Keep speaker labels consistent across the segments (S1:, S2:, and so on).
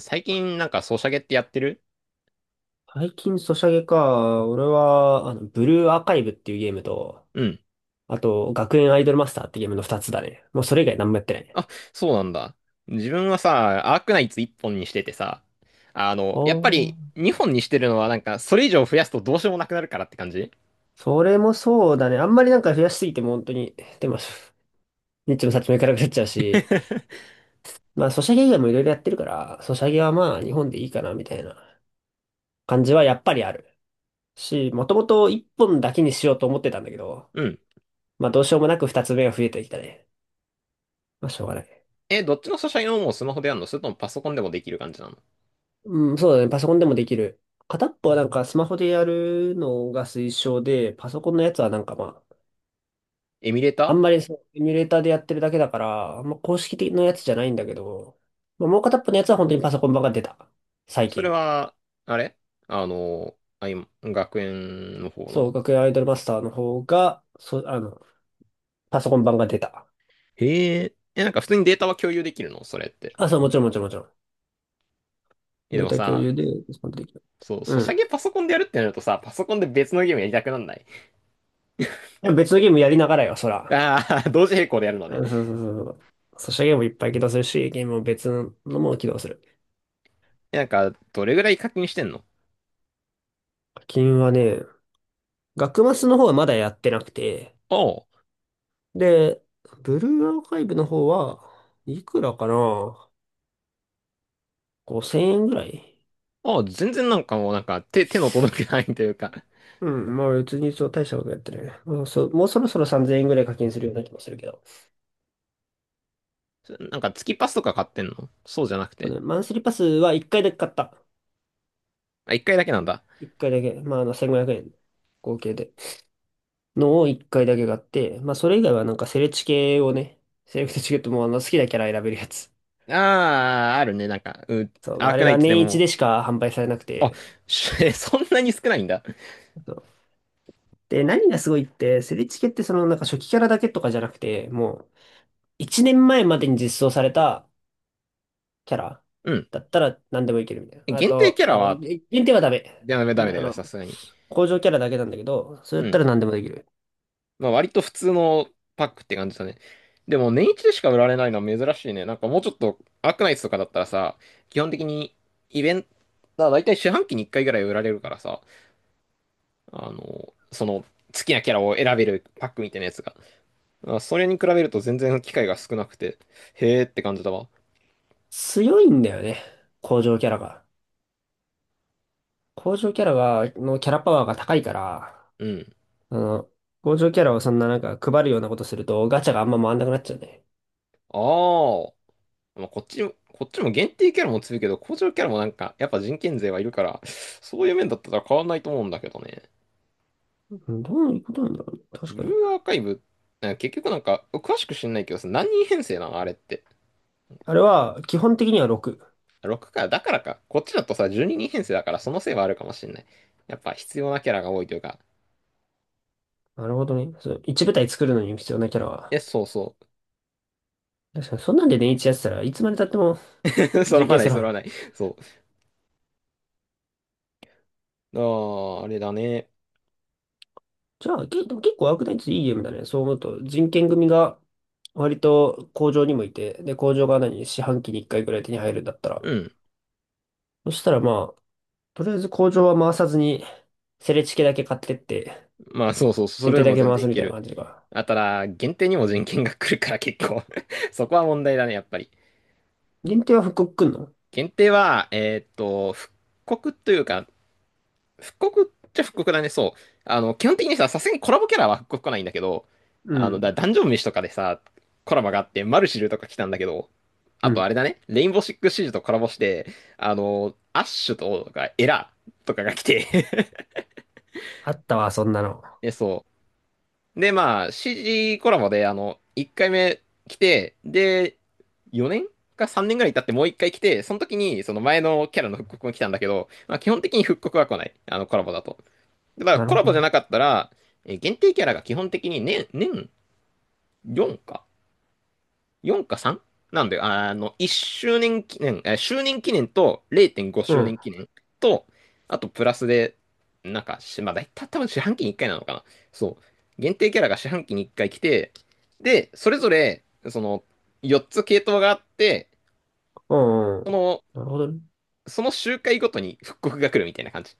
S1: 最近なんかソシャゲってやってる？
S2: 最近ソシャゲか。俺は、あの、ブルーアーカイブっていうゲームと、
S1: うん。
S2: あと、学園アイドルマスターってゲームの二つだね。もうそれ以外何もやってないね。
S1: あ、そうなんだ。自分はさ、アークナイツ1本にしててさ、やっぱ
S2: お
S1: り
S2: ー。
S1: 2本にしてるのはなんかそれ以上増やすとどうしようもなくなるからって感じ。
S2: それもそうだね。あんまりなんか増やしすぎても本当に、でも、ニッチもサッチもいかなくなっちゃうし、まあ、ソシャゲ以外もいろいろやってるから、ソシャゲはまあ、日本でいいかな、みたいな感じはやっぱりある。し、もともと一本だけにしようと思ってたんだけど、
S1: うん。
S2: まあ、どうしようもなく二つ目が増えてきたね。まあ、しょうがない。
S1: え、どっちのソシャゲのもうスマホでやるのそれともパソコンでもできる感じなの？
S2: うん、そうだね。パソコンでもできる。片っぽはなんかスマホでやるのが推奨で、パソコンのやつはなんかまあ、
S1: エミュレー
S2: あん
S1: タ
S2: まりそう、エミュレーターでやってるだけだから、あんま公式的なやつじゃないんだけど、まあ、もう片っぽのやつは本当にパソコン版が出た。
S1: ー。
S2: 最
S1: それ
S2: 近。
S1: は、あれ、あの、あ、今、学園の方な
S2: そう、
S1: の？
S2: 学園アイドルマスターの方が、そう、あの、パソコン版が出た。
S1: へえ。え、なんか普通にデータは共有できるのそれって？
S2: あ、そう、もちろんもちろんもちろん。
S1: え、で
S2: デー
S1: も
S2: タ共
S1: さ、
S2: 有で、そこでできる。
S1: そう、
S2: う
S1: ソシャ
S2: ん。
S1: ゲパソコンでやるってなるとさ、パソコンで別のゲームやりたくなんない？
S2: でも別のゲームやりながらよ、そら。
S1: ああ、同時並行でやるので。
S2: うん、そうそうそうそう。ソシャゲもいっぱい起動するし、ゲームも別のも起動する。
S1: え、なんか、どれぐらい課金してんの？
S2: 課金はね、学マスの方はまだやってなくて、
S1: あ
S2: で、ブルーアーカイブの方はいくらかな、 5000 円ぐらい。
S1: あ、ああ、全然なんか、もうなんか、手の届くないというか、
S2: うん、まあ別にそう大したことやってないね。もうそろそろ3000円ぐらい課金するような気もするけど。
S1: なんか月パスとか買ってんの？そうじゃなく
S2: あの
S1: て。
S2: ね、マンスリーパスは1回だけ買った。
S1: あ、一回だけなんだ。
S2: 1回だけ。まああの1500円合計で。のを1回だけ買って、まあそれ以外はなんかセレチケをね、セレクトチケットもあの好きなキャラ選べるやつ。
S1: ああ、あるね。なんか、うん、
S2: そう、
S1: アー
S2: あ
S1: ク
S2: れ
S1: ナイ
S2: が
S1: ツで
S2: 年一
S1: も。
S2: でしか販売されなく
S1: あ、
S2: て、
S1: そんなに少ないんだ。
S2: そうで、何がすごいって、セリチケってそのなんか初期キャラだけとかじゃなくて、もう1年前までに実装されたキャラ
S1: うん。
S2: だったら何でもいけるみたいな。あ
S1: 限定
S2: と、
S1: キャラ
S2: あの、
S1: は、
S2: 限定はダメ。あ
S1: ダメだよね
S2: の、
S1: さすがに。
S2: 工場キャラだけなんだけど、それ
S1: う
S2: だった
S1: ん。
S2: ら何でもできる。
S1: まあ割と普通のパックって感じだね。でも年一でしか売られないのは珍しいね。なんかもうちょっとアークナイツとかだったらさ、基本的にイベント、だいたい四半期に1回ぐらい売られるからさ、その好きなキャラを選べるパックみたいなやつが。あ、それに比べると全然機会が少なくて、へーって感じだわ。
S2: 強いんだよね、工場キャラが。工場キャラが、のキャラパワーが高いから、
S1: うん。
S2: あの、工場キャラをそんななんか配るようなことするとガチャがあんま回んなくなっちゃうね。
S1: あーまあ、こっちも限定キャラも強いけど、工場キャラもなんか、やっぱ人権税はいるから、そういう面だったら変わんないと思うんだけどね。
S2: うん、どういうことなんだろうね。確
S1: ブ
S2: か
S1: ルー
S2: に。
S1: アーカイブ、なんか結局なんか、詳しく知んないけどさ、何人編成なのあれって？
S2: あれは基本的には6。
S1: 6か、だからか。こっちだとさ、12人編成だから、そのせいはあるかもしんない。やっぱ必要なキャラが多いというか。
S2: なるほどね。そう、一部隊作るのに必要なキャラ
S1: え、
S2: は。
S1: そうそ
S2: 確かに、そんなんで年一やってたらいつまで経っても
S1: う。揃
S2: 人
S1: わ
S2: 権
S1: な
S2: さ
S1: い、揃わ
S2: ら。
S1: ない。そう。ああ、あれだね。
S2: じゃあ、でも結構アークナイツいいゲームだね。そう思うと、人権組が割と工場にもいて、で、工場が何、四半期に一回ぐらい手に入るんだった
S1: う
S2: ら。
S1: ん。
S2: そしたらまあ、とりあえず工場は回さずに、セレチケだけ買ってって、
S1: まあ、そうそう、そ
S2: 限
S1: れ
S2: 定
S1: で
S2: だ
S1: も
S2: け
S1: 全
S2: 回
S1: 然
S2: す
S1: い
S2: み
S1: け
S2: たいな
S1: る。
S2: 感じか。
S1: あ、ただ、限定にも人権が来るから結構 そこは問題だね、やっぱり。
S2: 限定は復刻くんの。
S1: 限定は、復刻というか、復刻っちゃ復刻だね、そう。基本的にさ、さすがにコラボキャラは復刻来ないんだけど、
S2: うん。
S1: ダンジョン飯とかでさ、コラボがあって、マルシルとか来たんだけど、あ
S2: う
S1: と
S2: ん。
S1: あれだね、レインボーシックスシージとコラボして、アッシュとか、エラとかが来て
S2: あったわ、そんなの。
S1: で、そう。で、まあ、CG コラボで、1回目来て、で、4年か3年ぐらい経ってもう1回来て、その時に、その前のキャラの復刻も来たんだけど、まあ、基本的に復刻は来ない。コラボだと。だから
S2: なる
S1: コ
S2: ほ
S1: ラ
S2: ど
S1: ボじゃ
S2: ね。
S1: なかったら、限定キャラが基本的に年4か ?4 か 3? なんで、1周年記念、周年記念と0.5
S2: う
S1: 周
S2: ん。
S1: 年記念と、あとプラスで、なんか、まあ、大体多分四半期に1回なのかな。そう。限定キャラが四半期に1回来て、で、それぞれ、その、4つ系統があって、
S2: うん、う
S1: そ
S2: ん。
S1: の、
S2: なるほどね。
S1: その周回ごとに復刻が来るみたいな感じ。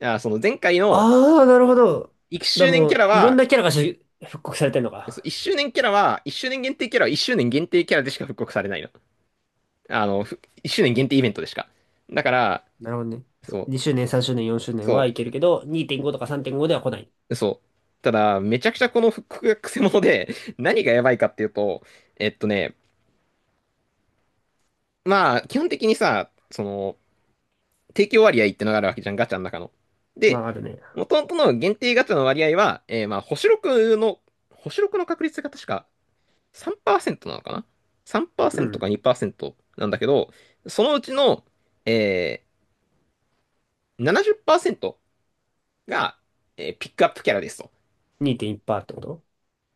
S1: あ、その前回の
S2: ああ、なるほど。
S1: 1
S2: だ、
S1: 周年
S2: も
S1: キャ
S2: う、
S1: ラ
S2: いろん
S1: は、
S2: なキャラがし復刻されてんのか。
S1: そう、1周年限定キャラは1周年限定キャラでしか復刻されないの。1周年限定イベントでしか。だから、
S2: なるほどね。そ
S1: そ
S2: う。
S1: う、
S2: 2周年、3周年、4周年は
S1: そ
S2: いけるけど、2.5とか3.5では来ない。
S1: う、そう。ただ、めちゃくちゃこの 復刻がクセモノで、何がやばいかっていうと、えっとね、まあ、基本的にさ、その、提供割合ってのがあるわけじゃん、ガチャの中の。
S2: ま
S1: で、
S2: あ、あるね。
S1: 元々の限定ガチャの割合は、まあ、星6の確率が確か3%なのかな
S2: う
S1: ?3% か
S2: ん。
S1: 2%なんだけど、そのうちの、えー、70%が、ピックアップキャラですと。
S2: 2.1%ってこと、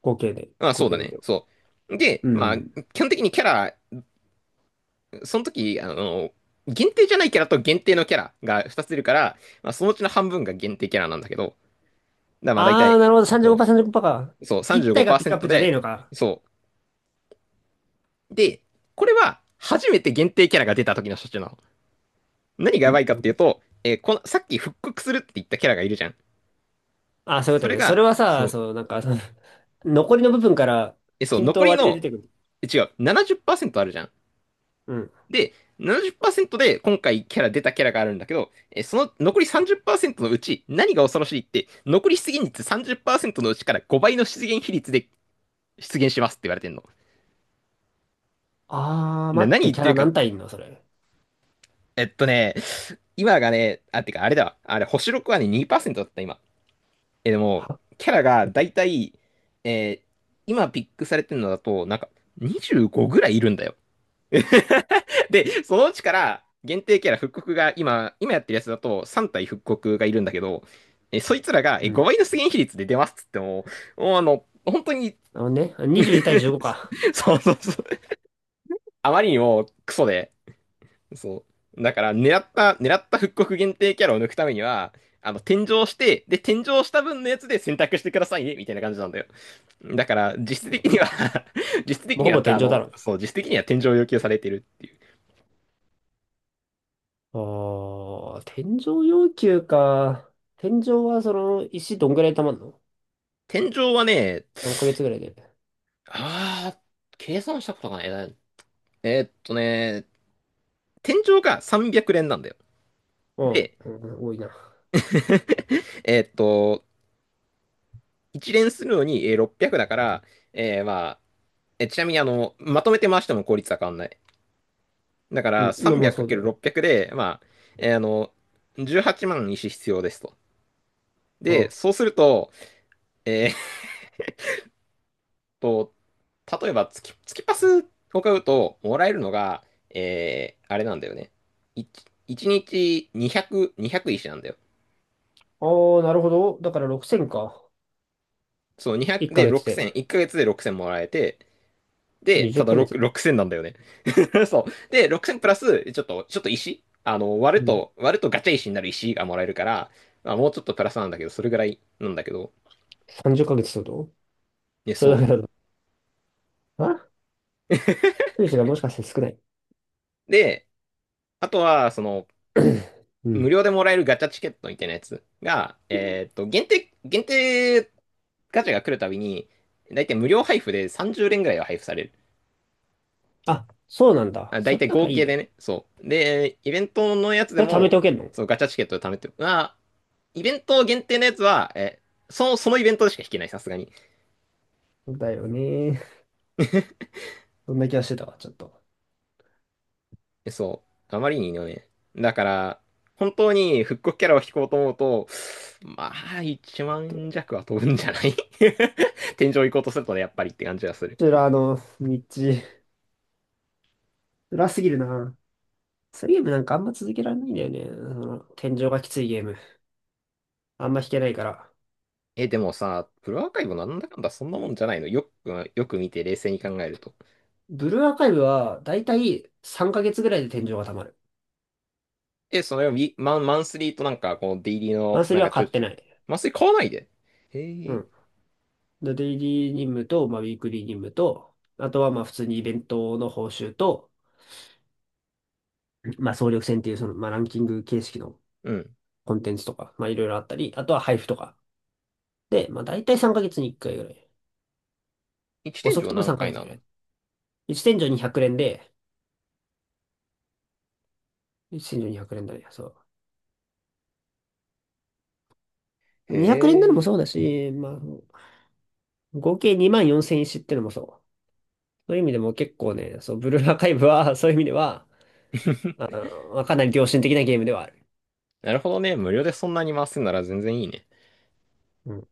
S2: 合計で。
S1: まあ
S2: 合
S1: そう
S2: 計
S1: だ
S2: でっ
S1: ね、
S2: てこと。
S1: そう。で、
S2: う
S1: まあ、
S2: ん。
S1: 基本的にキャラ、その時、限定じゃないキャラと限定のキャラが2つ出るから、まあそのうちの半分が限定キャラなんだけど、だからまあ大
S2: ああ、
S1: 体、
S2: なるほど。
S1: そ
S2: 35%、35%か。
S1: う、そう、
S2: 1体がピックアッ
S1: 35%
S2: プじゃねえの
S1: で、
S2: か。
S1: そう。で、これは初めて限定キャラが出た時の処置なの。何がやば
S2: ん、
S1: いか
S2: どう
S1: っ
S2: いうこ
S1: てい
S2: と。
S1: うと、この、さっき復刻するって言ったキャラがいるじゃん。
S2: ああー、そういうこ
S1: そ
S2: と
S1: れ
S2: ね。そ
S1: が、
S2: れは
S1: そ
S2: さ、
S1: う、
S2: そう、なんか、その 残りの部分から、
S1: え、そう、
S2: 均
S1: 残
S2: 等
S1: り
S2: 割り
S1: の、
S2: で出てくる。
S1: え、違う、70%あるじゃん。
S2: うん。
S1: で、70%で今回キャラ出たキャラがあるんだけど、その残り30%のうち何が恐ろしいって、残り出現率30%のうちから5倍の出現比率で出現しますって言われてんの。
S2: ああ、
S1: で、
S2: 待っ
S1: 何
S2: て、
S1: 言っ
S2: キャ
S1: てる
S2: ラ
S1: か、
S2: 何体いんのそれ。
S1: えっとね、今がね、あ、てかあれだわ。あれ、星6はね、2%だった今。え、でも、
S2: は、
S1: キャラがだいたい、えー今ピックされてるのだと、なんか25ぐらいいるんだよ。で、そのうちから限定キャラ復刻が今やってるやつだと3体復刻がいるんだけど、そいつらが
S2: うん。なる
S1: 5倍の出現比率で出ますっつっても、もうあの、本当に、
S2: ほどね。22対15か。
S1: そうそうそう、あまりにもクソで、そう。だから狙った復刻限定キャラを抜くためには、転生して、で、転生した分のやつで選択してくださいね、みたいな感じなんだよ。だから、実質
S2: そ
S1: 的
S2: うな
S1: に
S2: んで
S1: は
S2: すね。
S1: 実質的
S2: もう
S1: に
S2: ほ
S1: は、
S2: ぼ天井だろうね。
S1: そう、実質的には天井を要求されてるっていう。
S2: ああ、天井要求か。天井はその石どんぐらい溜まるの、
S1: 天井はね、
S2: 何ヶ月ぐらいで。
S1: あー計算したことがないな。えーっとね、天井が300連なんだよ。
S2: うん、
S1: で、
S2: うんうん多いな。
S1: えーっと、1連するのに600だから、えーまあ、ちなみにまとめて回しても効率は変わんない。だか
S2: う
S1: ら
S2: ん、まあまあそうだよね。
S1: 300×600 で、まあ、えーあの、18万石必要ですと。
S2: う
S1: で、
S2: ん。
S1: そうすると、えと、例えば月パスを買うと、もらえるのが、あれなんだよね。1、一日200、2石なんだよ。
S2: ああ、なるほど。だから6000か。
S1: そう、
S2: 1
S1: 200で
S2: ヶ月
S1: 6000、
S2: で。
S1: 1ヶ月で6000もらえて、で、
S2: 20
S1: ただ
S2: ヶ
S1: 6、
S2: 月。
S1: 6000なんだよね。そう。で、6000プラス、ちょっと石、
S2: うん。
S1: 割るとガチャ石になる石がもらえるから、まあ、もうちょっとプラスなんだけど、それぐらいなんだけど。
S2: 30ヶ月っかげつってこと、
S1: で、
S2: それだけ
S1: そ
S2: だと。あ、選手がもしかして少ない。
S1: う。で、あとは、その、
S2: う
S1: 無
S2: ん。
S1: 料でもらえるガチャチケットみたいなやつが、
S2: うん、
S1: 限定ガチャが来るたびに、大体無料配布で30連ぐらいは配布される。
S2: あ、そうなんだ。
S1: あ、
S2: そ
S1: 大
S2: れ
S1: 体
S2: なんか
S1: 合
S2: いい
S1: 計で
S2: ね。
S1: ね、そう。で、イベントのやつで
S2: それ貯め
S1: も、
S2: ておけんの。
S1: そう、ガチャチケットで貯めて、まあ、イベント限定のやつは、え、その、そのイベントでしか引けない、さすがに。
S2: だよね。そんな気がしてたわ、ちょっと。
S1: そう。あまりにいいのね。だから、本当に復刻キャラを引こうと思うと、まあ、一
S2: こ
S1: 万弱は飛ぶんじゃない？ 天井行こうとするとね、やっぱりって感じがする。
S2: ちら、あの、道、辛すぎるな。そリゲームなんかあんま続けられないんだよね。その、天井がきついゲーム。あんま弾けないから。
S1: え、でもさ、プロアーカイブなんだかんだそんなもんじゃないの？よく見て冷静に考えると。
S2: ブルーアーカイブは、だいたい3ヶ月ぐらいで天井が溜まる。
S1: え、そのウィマン、マンスリーとなんか、このデイリー
S2: マン
S1: の、
S2: ス
S1: な
S2: リ
S1: ん
S2: ーは
S1: かちょ
S2: 買っ
S1: いち
S2: て
S1: ょい。
S2: ない。
S1: マンスリー買わないで。へ
S2: う
S1: え。
S2: ん。でデイリー任務と、まあ、ウィークリー任務と、あとはまあ普通にイベントの報酬と、まあ総力戦っていうその、まあ、ランキング形式の
S1: うん。
S2: コンテンツとか、まあいろいろあったり、あとは配布とか。で、まあ大体3ヶ月に1回ぐらい。
S1: 一
S2: 遅
S1: 天
S2: く
S1: 井
S2: ても
S1: 何
S2: 3
S1: 回
S2: ヶ月
S1: な
S2: ぐら
S1: の？
S2: い。1天井に100連で、1天井に100連だね。そう。
S1: へ
S2: 200連ドルも
S1: え。
S2: そうだし、まあ、合計2万4000石ってのもそう。そういう意味でも結構ね、そう、ブルーアーカイブは、そういう意味では、あ のまあ、かなり良心的なゲームではある。
S1: なるほどね。無料でそんなに回すんなら全然いいね。
S2: うん